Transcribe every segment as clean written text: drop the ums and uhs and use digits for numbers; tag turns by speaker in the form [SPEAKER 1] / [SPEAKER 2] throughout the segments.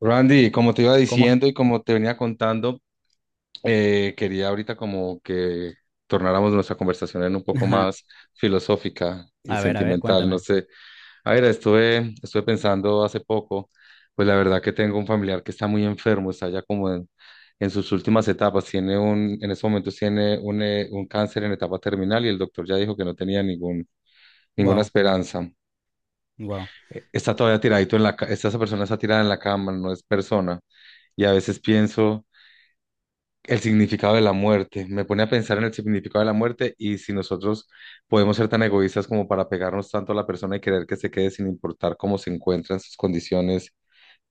[SPEAKER 1] Randy, como te iba
[SPEAKER 2] ¿Cómo?
[SPEAKER 1] diciendo y como te venía contando, quería ahorita como que tornáramos nuestra conversación en un poco más filosófica y
[SPEAKER 2] A ver,
[SPEAKER 1] sentimental. No
[SPEAKER 2] cuéntame.
[SPEAKER 1] sé, a ver, estuve pensando hace poco, pues la verdad que tengo un familiar que está muy enfermo, está ya como en sus últimas etapas, tiene un, en estos momentos tiene un cáncer en etapa terminal y el doctor ya dijo que no tenía ninguna
[SPEAKER 2] Wow,
[SPEAKER 1] esperanza.
[SPEAKER 2] wow,
[SPEAKER 1] Está todavía tiradito en esta esa persona está tirada en la cama, no es persona. Y a veces pienso. El significado de la muerte. Me pone a pensar en el significado de la muerte y si nosotros podemos ser tan egoístas como para pegarnos tanto a la persona y querer que se quede sin importar cómo se encuentra en sus condiciones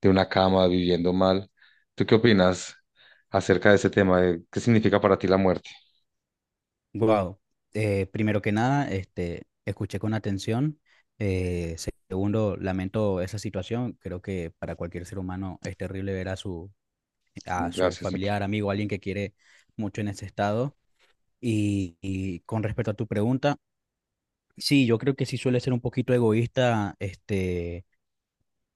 [SPEAKER 1] de una cama, viviendo mal. ¿Tú qué opinas acerca de ese tema? De ¿Qué significa para ti la muerte?
[SPEAKER 2] wow. Primero que nada, escuché con atención. Eh, segundo, lamento esa situación. Creo que para cualquier ser humano es terrible ver a su
[SPEAKER 1] Gracias, Ángel.
[SPEAKER 2] familiar, amigo, alguien que quiere mucho en ese estado. Y con respecto a tu pregunta, sí, yo creo que sí suele ser un poquito egoísta,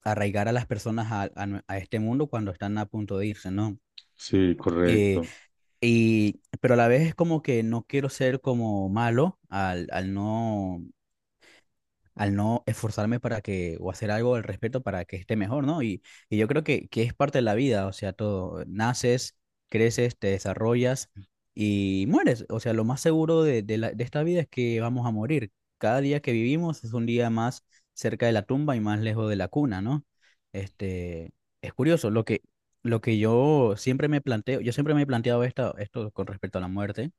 [SPEAKER 2] arraigar a las personas a este mundo cuando están a punto de irse, ¿no?
[SPEAKER 1] Sí,
[SPEAKER 2] Eh,
[SPEAKER 1] correcto.
[SPEAKER 2] pero a la vez es como que no quiero ser como malo al no esforzarme para que, o hacer algo al respecto para que esté mejor, ¿no? Y yo creo que es parte de la vida, o sea, todo, naces, creces, te desarrollas y mueres, o sea, lo más seguro de esta vida es que vamos a morir. Cada día que vivimos es un día más cerca de la tumba y más lejos de la cuna, ¿no? Este, es curioso, lo que yo siempre me planteo, yo siempre me he planteado esto con respecto a la muerte.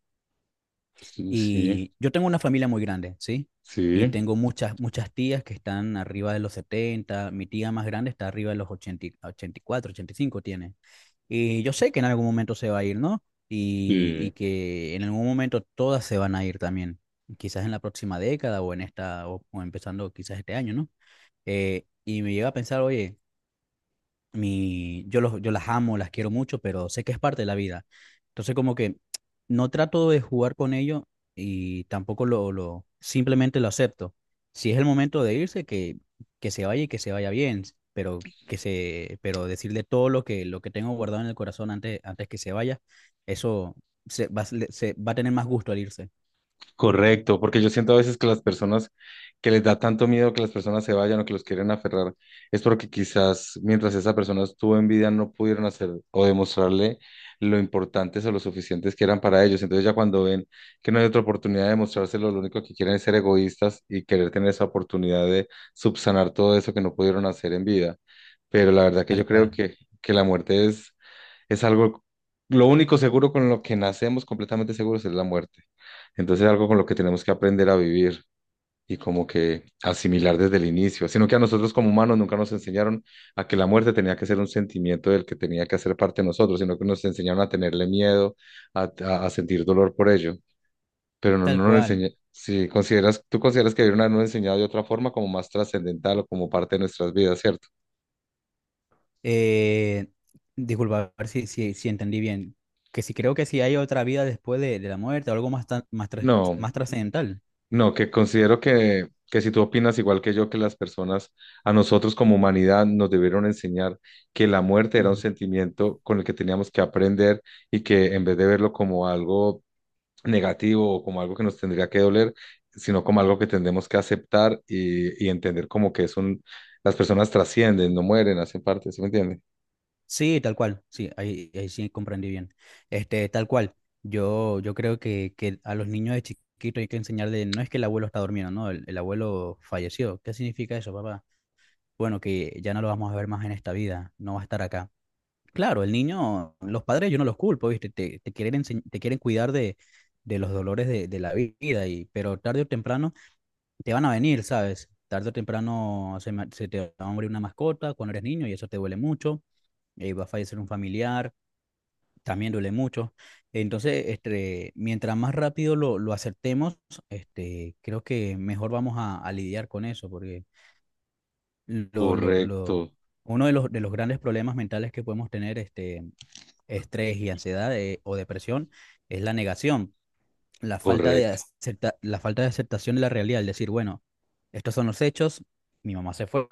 [SPEAKER 1] Sí, sí,
[SPEAKER 2] Y yo tengo una familia muy grande, ¿sí? Y
[SPEAKER 1] sí,
[SPEAKER 2] tengo muchas tías que están arriba de los 70. Mi tía más grande está arriba de los 80, 84, 85 tiene. Y yo sé que en algún momento se va a ir, ¿no? Y
[SPEAKER 1] sí.
[SPEAKER 2] que en algún momento todas se van a ir también, quizás en la próxima década o en esta, o empezando quizás este año, ¿no? Y me llega a pensar, oye, yo las amo, las quiero mucho, pero sé que es parte de la vida. Entonces como que no trato de jugar con ello y tampoco lo simplemente lo acepto. Si es el momento de irse, que se vaya y que se vaya bien, pero decirle todo lo que tengo guardado en el corazón antes que se vaya, eso se va a tener más gusto al irse.
[SPEAKER 1] Correcto, porque yo siento a veces que las personas que les da tanto miedo que las personas se vayan o que los quieren aferrar, es porque quizás mientras esa persona estuvo en vida no pudieron hacer o demostrarle lo importantes o lo suficientes que eran para ellos. Entonces ya cuando ven que no hay otra oportunidad de mostrárselo, lo único que quieren es ser egoístas y querer tener esa oportunidad de subsanar todo eso que no pudieron hacer en vida. Pero la verdad que
[SPEAKER 2] Tal
[SPEAKER 1] yo creo
[SPEAKER 2] cual.
[SPEAKER 1] que la muerte es algo, lo único seguro con lo que nacemos completamente seguros es la muerte. Entonces es algo con lo que tenemos que aprender a vivir y como que asimilar desde el inicio, sino que a nosotros como humanos nunca nos enseñaron a que la muerte tenía que ser un sentimiento del que tenía que hacer parte de nosotros, sino que nos enseñaron a tenerle miedo, a sentir dolor por ello, pero no,
[SPEAKER 2] Tal
[SPEAKER 1] no nos
[SPEAKER 2] cual.
[SPEAKER 1] enseña, si consideras, tú consideras que debieron habernos enseñado de otra forma como más trascendental o como parte de nuestras vidas, ¿cierto?
[SPEAKER 2] Eh, disculpa, a ver si entendí bien. Que si creo que si hay otra vida después de la muerte, algo más, tan- más, tras-
[SPEAKER 1] No,
[SPEAKER 2] más trascendental.
[SPEAKER 1] no, que considero que si tú opinas igual que yo, que las personas, a nosotros como humanidad nos debieron enseñar que la muerte era un
[SPEAKER 2] Mm.
[SPEAKER 1] sentimiento con el que teníamos que aprender y que en vez de verlo como algo negativo o como algo que nos tendría que doler, sino como algo que tendremos que aceptar y entender como que es un, las personas trascienden, no mueren, hacen parte, ¿sí me entiende?
[SPEAKER 2] Sí, tal cual. Sí, ahí sí comprendí bien. Tal cual. Yo creo que a los niños de chiquito hay que enseñarle, no es que el abuelo está durmiendo, no, el abuelo falleció. ¿Qué significa eso, papá? Bueno, que ya no lo vamos a ver más en esta vida, no va a estar acá. Claro, el niño, los padres yo no los culpo, ¿viste? Te quieren cuidar de los dolores de la vida, pero tarde o temprano te van a venir, ¿sabes? Tarde o temprano se te va a morir una mascota cuando eres niño y eso te duele mucho, va a fallecer un familiar, también duele mucho. Entonces, mientras más rápido lo aceptemos, creo que mejor vamos a lidiar con eso, porque lo, lo,
[SPEAKER 1] Correcto,
[SPEAKER 2] lo, uno de los grandes problemas mentales que podemos tener, estrés y ansiedad, o depresión es la negación,
[SPEAKER 1] correcto,
[SPEAKER 2] la falta de aceptación de la realidad, el decir, bueno, estos son los hechos, mi mamá se fue,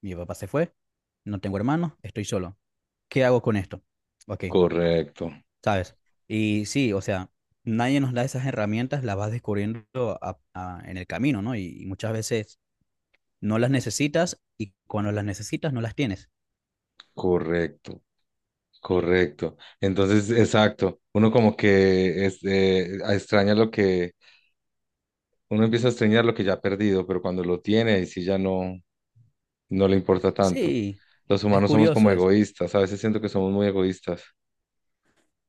[SPEAKER 2] mi papá se fue, no tengo hermanos, estoy solo. ¿Qué hago con esto? Ok,
[SPEAKER 1] correcto,
[SPEAKER 2] ¿sabes? Y sí, o sea, nadie nos da esas herramientas, las vas descubriendo en el camino, ¿no? Y muchas veces no las necesitas y cuando las necesitas no las tienes.
[SPEAKER 1] correcto. Correcto. Entonces, exacto. Uno como que este, extraña lo que, uno empieza a extrañar lo que ya ha perdido, pero cuando lo tiene, ahí sí ya no, no le importa tanto.
[SPEAKER 2] Sí,
[SPEAKER 1] Los
[SPEAKER 2] es
[SPEAKER 1] humanos somos como
[SPEAKER 2] curioso eso.
[SPEAKER 1] egoístas, a veces siento que somos muy egoístas.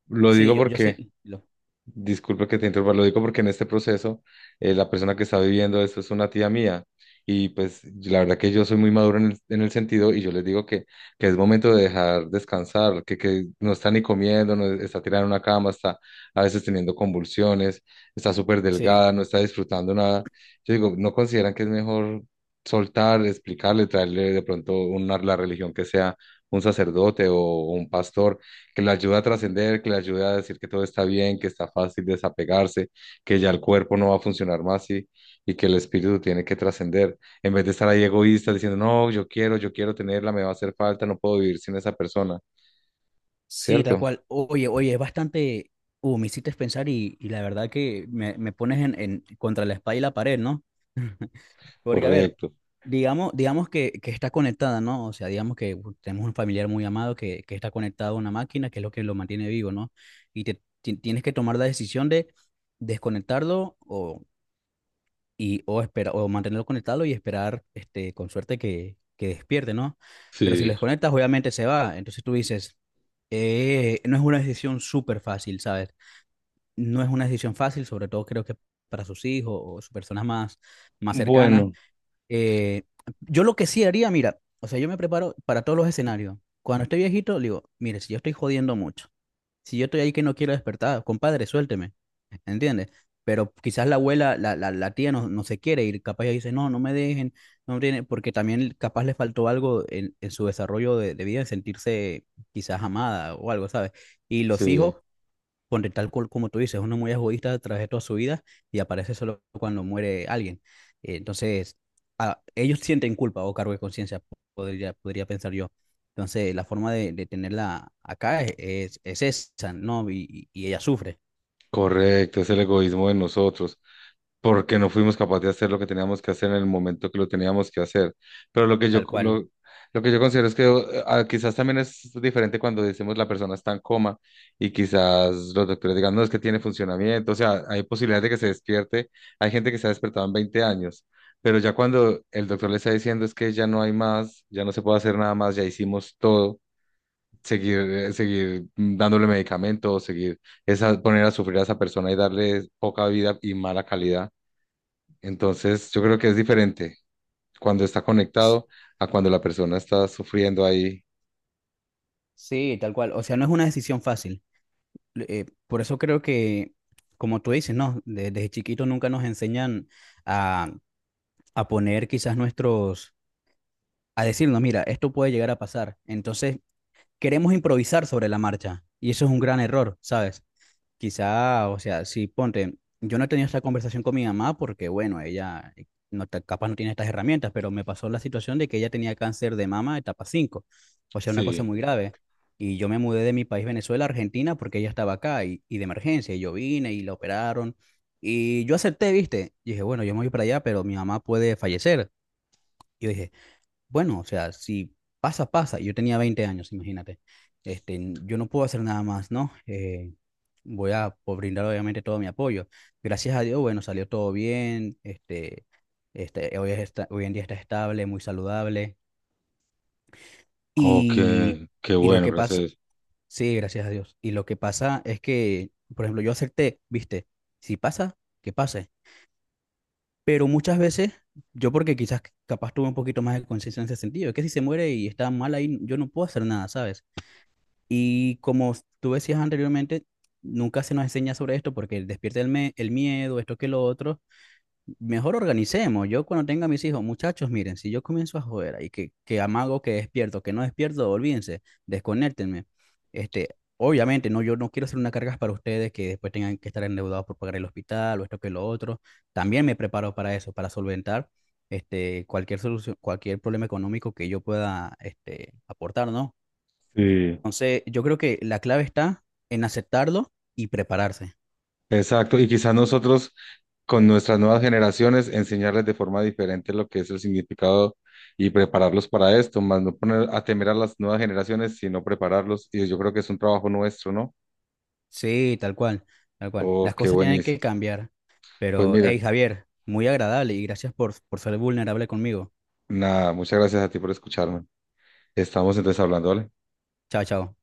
[SPEAKER 1] Lo
[SPEAKER 2] Sí,
[SPEAKER 1] digo
[SPEAKER 2] yo
[SPEAKER 1] porque
[SPEAKER 2] sí,
[SPEAKER 1] disculpe que te interrumpa, lo digo porque en este proceso la persona que está viviendo esto es una tía mía y pues yo- la verdad que yo soy muy maduro en en el sentido y yo les digo que es momento de dejar descansar, que no está ni comiendo, no está tirada en una cama, está a veces teniendo convulsiones, está súper
[SPEAKER 2] sí.
[SPEAKER 1] delgada, no está disfrutando nada. Yo digo, ¿no consideran que es mejor soltar, explicarle, traerle de pronto una, la religión que sea un sacerdote o un pastor? Que le ayuda a trascender, que le ayuda a decir que todo está bien, que está fácil desapegarse, que ya el cuerpo no va a funcionar más y que el espíritu tiene que trascender. En vez de estar ahí egoísta diciendo, no, yo quiero tenerla, me va a hacer falta, no puedo vivir sin esa persona,
[SPEAKER 2] Sí, tal
[SPEAKER 1] ¿cierto?
[SPEAKER 2] cual. Oye, oye, es bastante. Me hiciste pensar y la verdad que me pones en, contra la espada y la pared, ¿no? Porque, a ver,
[SPEAKER 1] Correcto.
[SPEAKER 2] digamos que está conectada, ¿no? O sea, digamos que tenemos un familiar muy amado que está conectado a una máquina, que es lo que lo mantiene vivo, ¿no? Y tienes que tomar la decisión de desconectarlo y o espera o mantenerlo conectado y esperar este con suerte que despierte, ¿no? Pero si lo
[SPEAKER 1] Sí,
[SPEAKER 2] desconectas, obviamente se va. Entonces tú dices, no es una decisión súper fácil, ¿sabes? No es una decisión fácil, sobre todo creo que para sus hijos o sus personas más cercanas.
[SPEAKER 1] bueno,
[SPEAKER 2] Eh, yo lo que sí haría, mira, o sea, yo me preparo para todos los escenarios. Cuando estoy viejito, digo, mire, si yo estoy jodiendo mucho, si yo estoy ahí que no quiero despertar, compadre, suélteme. ¿Entiendes? Pero quizás la abuela, la tía no, no se quiere ir, capaz ella dice, no, no me dejen, no tiene, porque también capaz le faltó algo en su desarrollo de vida, en sentirse quizás amada o algo, ¿sabes? Y los
[SPEAKER 1] sí.
[SPEAKER 2] hijos. Ponte tal cual como tú dices, uno muy egoísta a través de toda su vida y aparece solo cuando muere alguien. Entonces, ellos sienten culpa o cargo de conciencia, podría pensar yo. Entonces, la forma de tenerla acá es esa, ¿no? Y ella sufre,
[SPEAKER 1] Correcto, es el egoísmo de nosotros, porque no fuimos capaces de hacer lo que teníamos que hacer en el momento que lo teníamos que hacer. Pero
[SPEAKER 2] tal cual.
[SPEAKER 1] lo que yo considero es que quizás también es diferente cuando decimos la persona está en coma y quizás los doctores digan, no, es que tiene funcionamiento, o sea, hay posibilidad de que se despierte, hay gente que se ha despertado en 20 años, pero ya cuando el doctor le está diciendo es que ya no hay más, ya no se puede hacer nada más, ya hicimos todo seguir, seguir dándole medicamentos, seguir esa, poner a sufrir a esa persona y darle poca vida y mala calidad. Entonces, yo creo que es diferente cuando está conectado a cuando la persona está sufriendo ahí.
[SPEAKER 2] Sí, tal cual. O sea, no es una decisión fácil. Por eso creo que, como tú dices, ¿no? Desde chiquito nunca nos enseñan a, a poner quizás a decirnos, mira, esto puede llegar a pasar. Entonces, queremos improvisar sobre la marcha y eso es un gran error, ¿sabes? Quizá, o sea, si ponte, yo no he tenido esta conversación con mi mamá porque, bueno, ella no, capaz no tiene estas herramientas, pero me pasó la situación de que ella tenía cáncer de mama etapa 5, o sea, una cosa
[SPEAKER 1] Sí.
[SPEAKER 2] muy grave. Y yo me mudé de mi país, Venezuela, a Argentina, porque ella estaba acá y de emergencia, y yo vine y la operaron. Y yo acepté, ¿viste? Y dije, bueno, yo me voy para allá, pero mi mamá puede fallecer. Y yo dije, bueno, o sea, si pasa, pasa. Yo tenía 20 años, imagínate. Este, yo no puedo hacer nada más, ¿no? Voy a brindar obviamente todo mi apoyo. Gracias a Dios, bueno, salió todo bien. Hoy en día está estable, muy saludable.
[SPEAKER 1] Oh,
[SPEAKER 2] Y,
[SPEAKER 1] qué, qué
[SPEAKER 2] y lo
[SPEAKER 1] bueno,
[SPEAKER 2] que pasa,
[SPEAKER 1] gracias.
[SPEAKER 2] sí, gracias a Dios. Y lo que pasa es que, por ejemplo, yo acepté, ¿viste? Si pasa, que pase. Pero muchas veces, yo porque quizás capaz tuve un poquito más de conciencia en ese sentido, es que si se muere y está mal ahí, yo no puedo hacer nada, ¿sabes? Y como tú decías anteriormente, nunca se nos enseña sobre esto porque despierta el miedo, esto que lo otro. Mejor organicemos. Yo cuando tenga a mis hijos, muchachos, miren, si yo comienzo a joder y que amago que despierto, que no despierto, olvídense, desconéctenme. Obviamente, no, yo no quiero hacer una carga para ustedes que después tengan que estar endeudados por pagar el hospital o esto que lo otro. También me preparo para eso, para solventar cualquier solución, cualquier problema económico que yo pueda aportar, ¿no?
[SPEAKER 1] Sí.
[SPEAKER 2] Entonces, yo creo que la clave está en aceptarlo y prepararse.
[SPEAKER 1] Exacto. Y quizás nosotros, con nuestras nuevas generaciones, enseñarles de forma diferente lo que es el significado y prepararlos para esto, más no poner a temer a las nuevas generaciones, sino prepararlos. Y yo creo que es un trabajo nuestro, ¿no?
[SPEAKER 2] Sí, tal cual, tal cual.
[SPEAKER 1] Oh,
[SPEAKER 2] Las
[SPEAKER 1] qué
[SPEAKER 2] cosas tienen
[SPEAKER 1] buenísimo.
[SPEAKER 2] que cambiar.
[SPEAKER 1] Pues
[SPEAKER 2] Pero, hey,
[SPEAKER 1] mira,
[SPEAKER 2] Javier, muy agradable y gracias por ser vulnerable conmigo.
[SPEAKER 1] nada, muchas gracias a ti por escucharme. Estamos entonces hablando, ¿vale?
[SPEAKER 2] Chao, chao.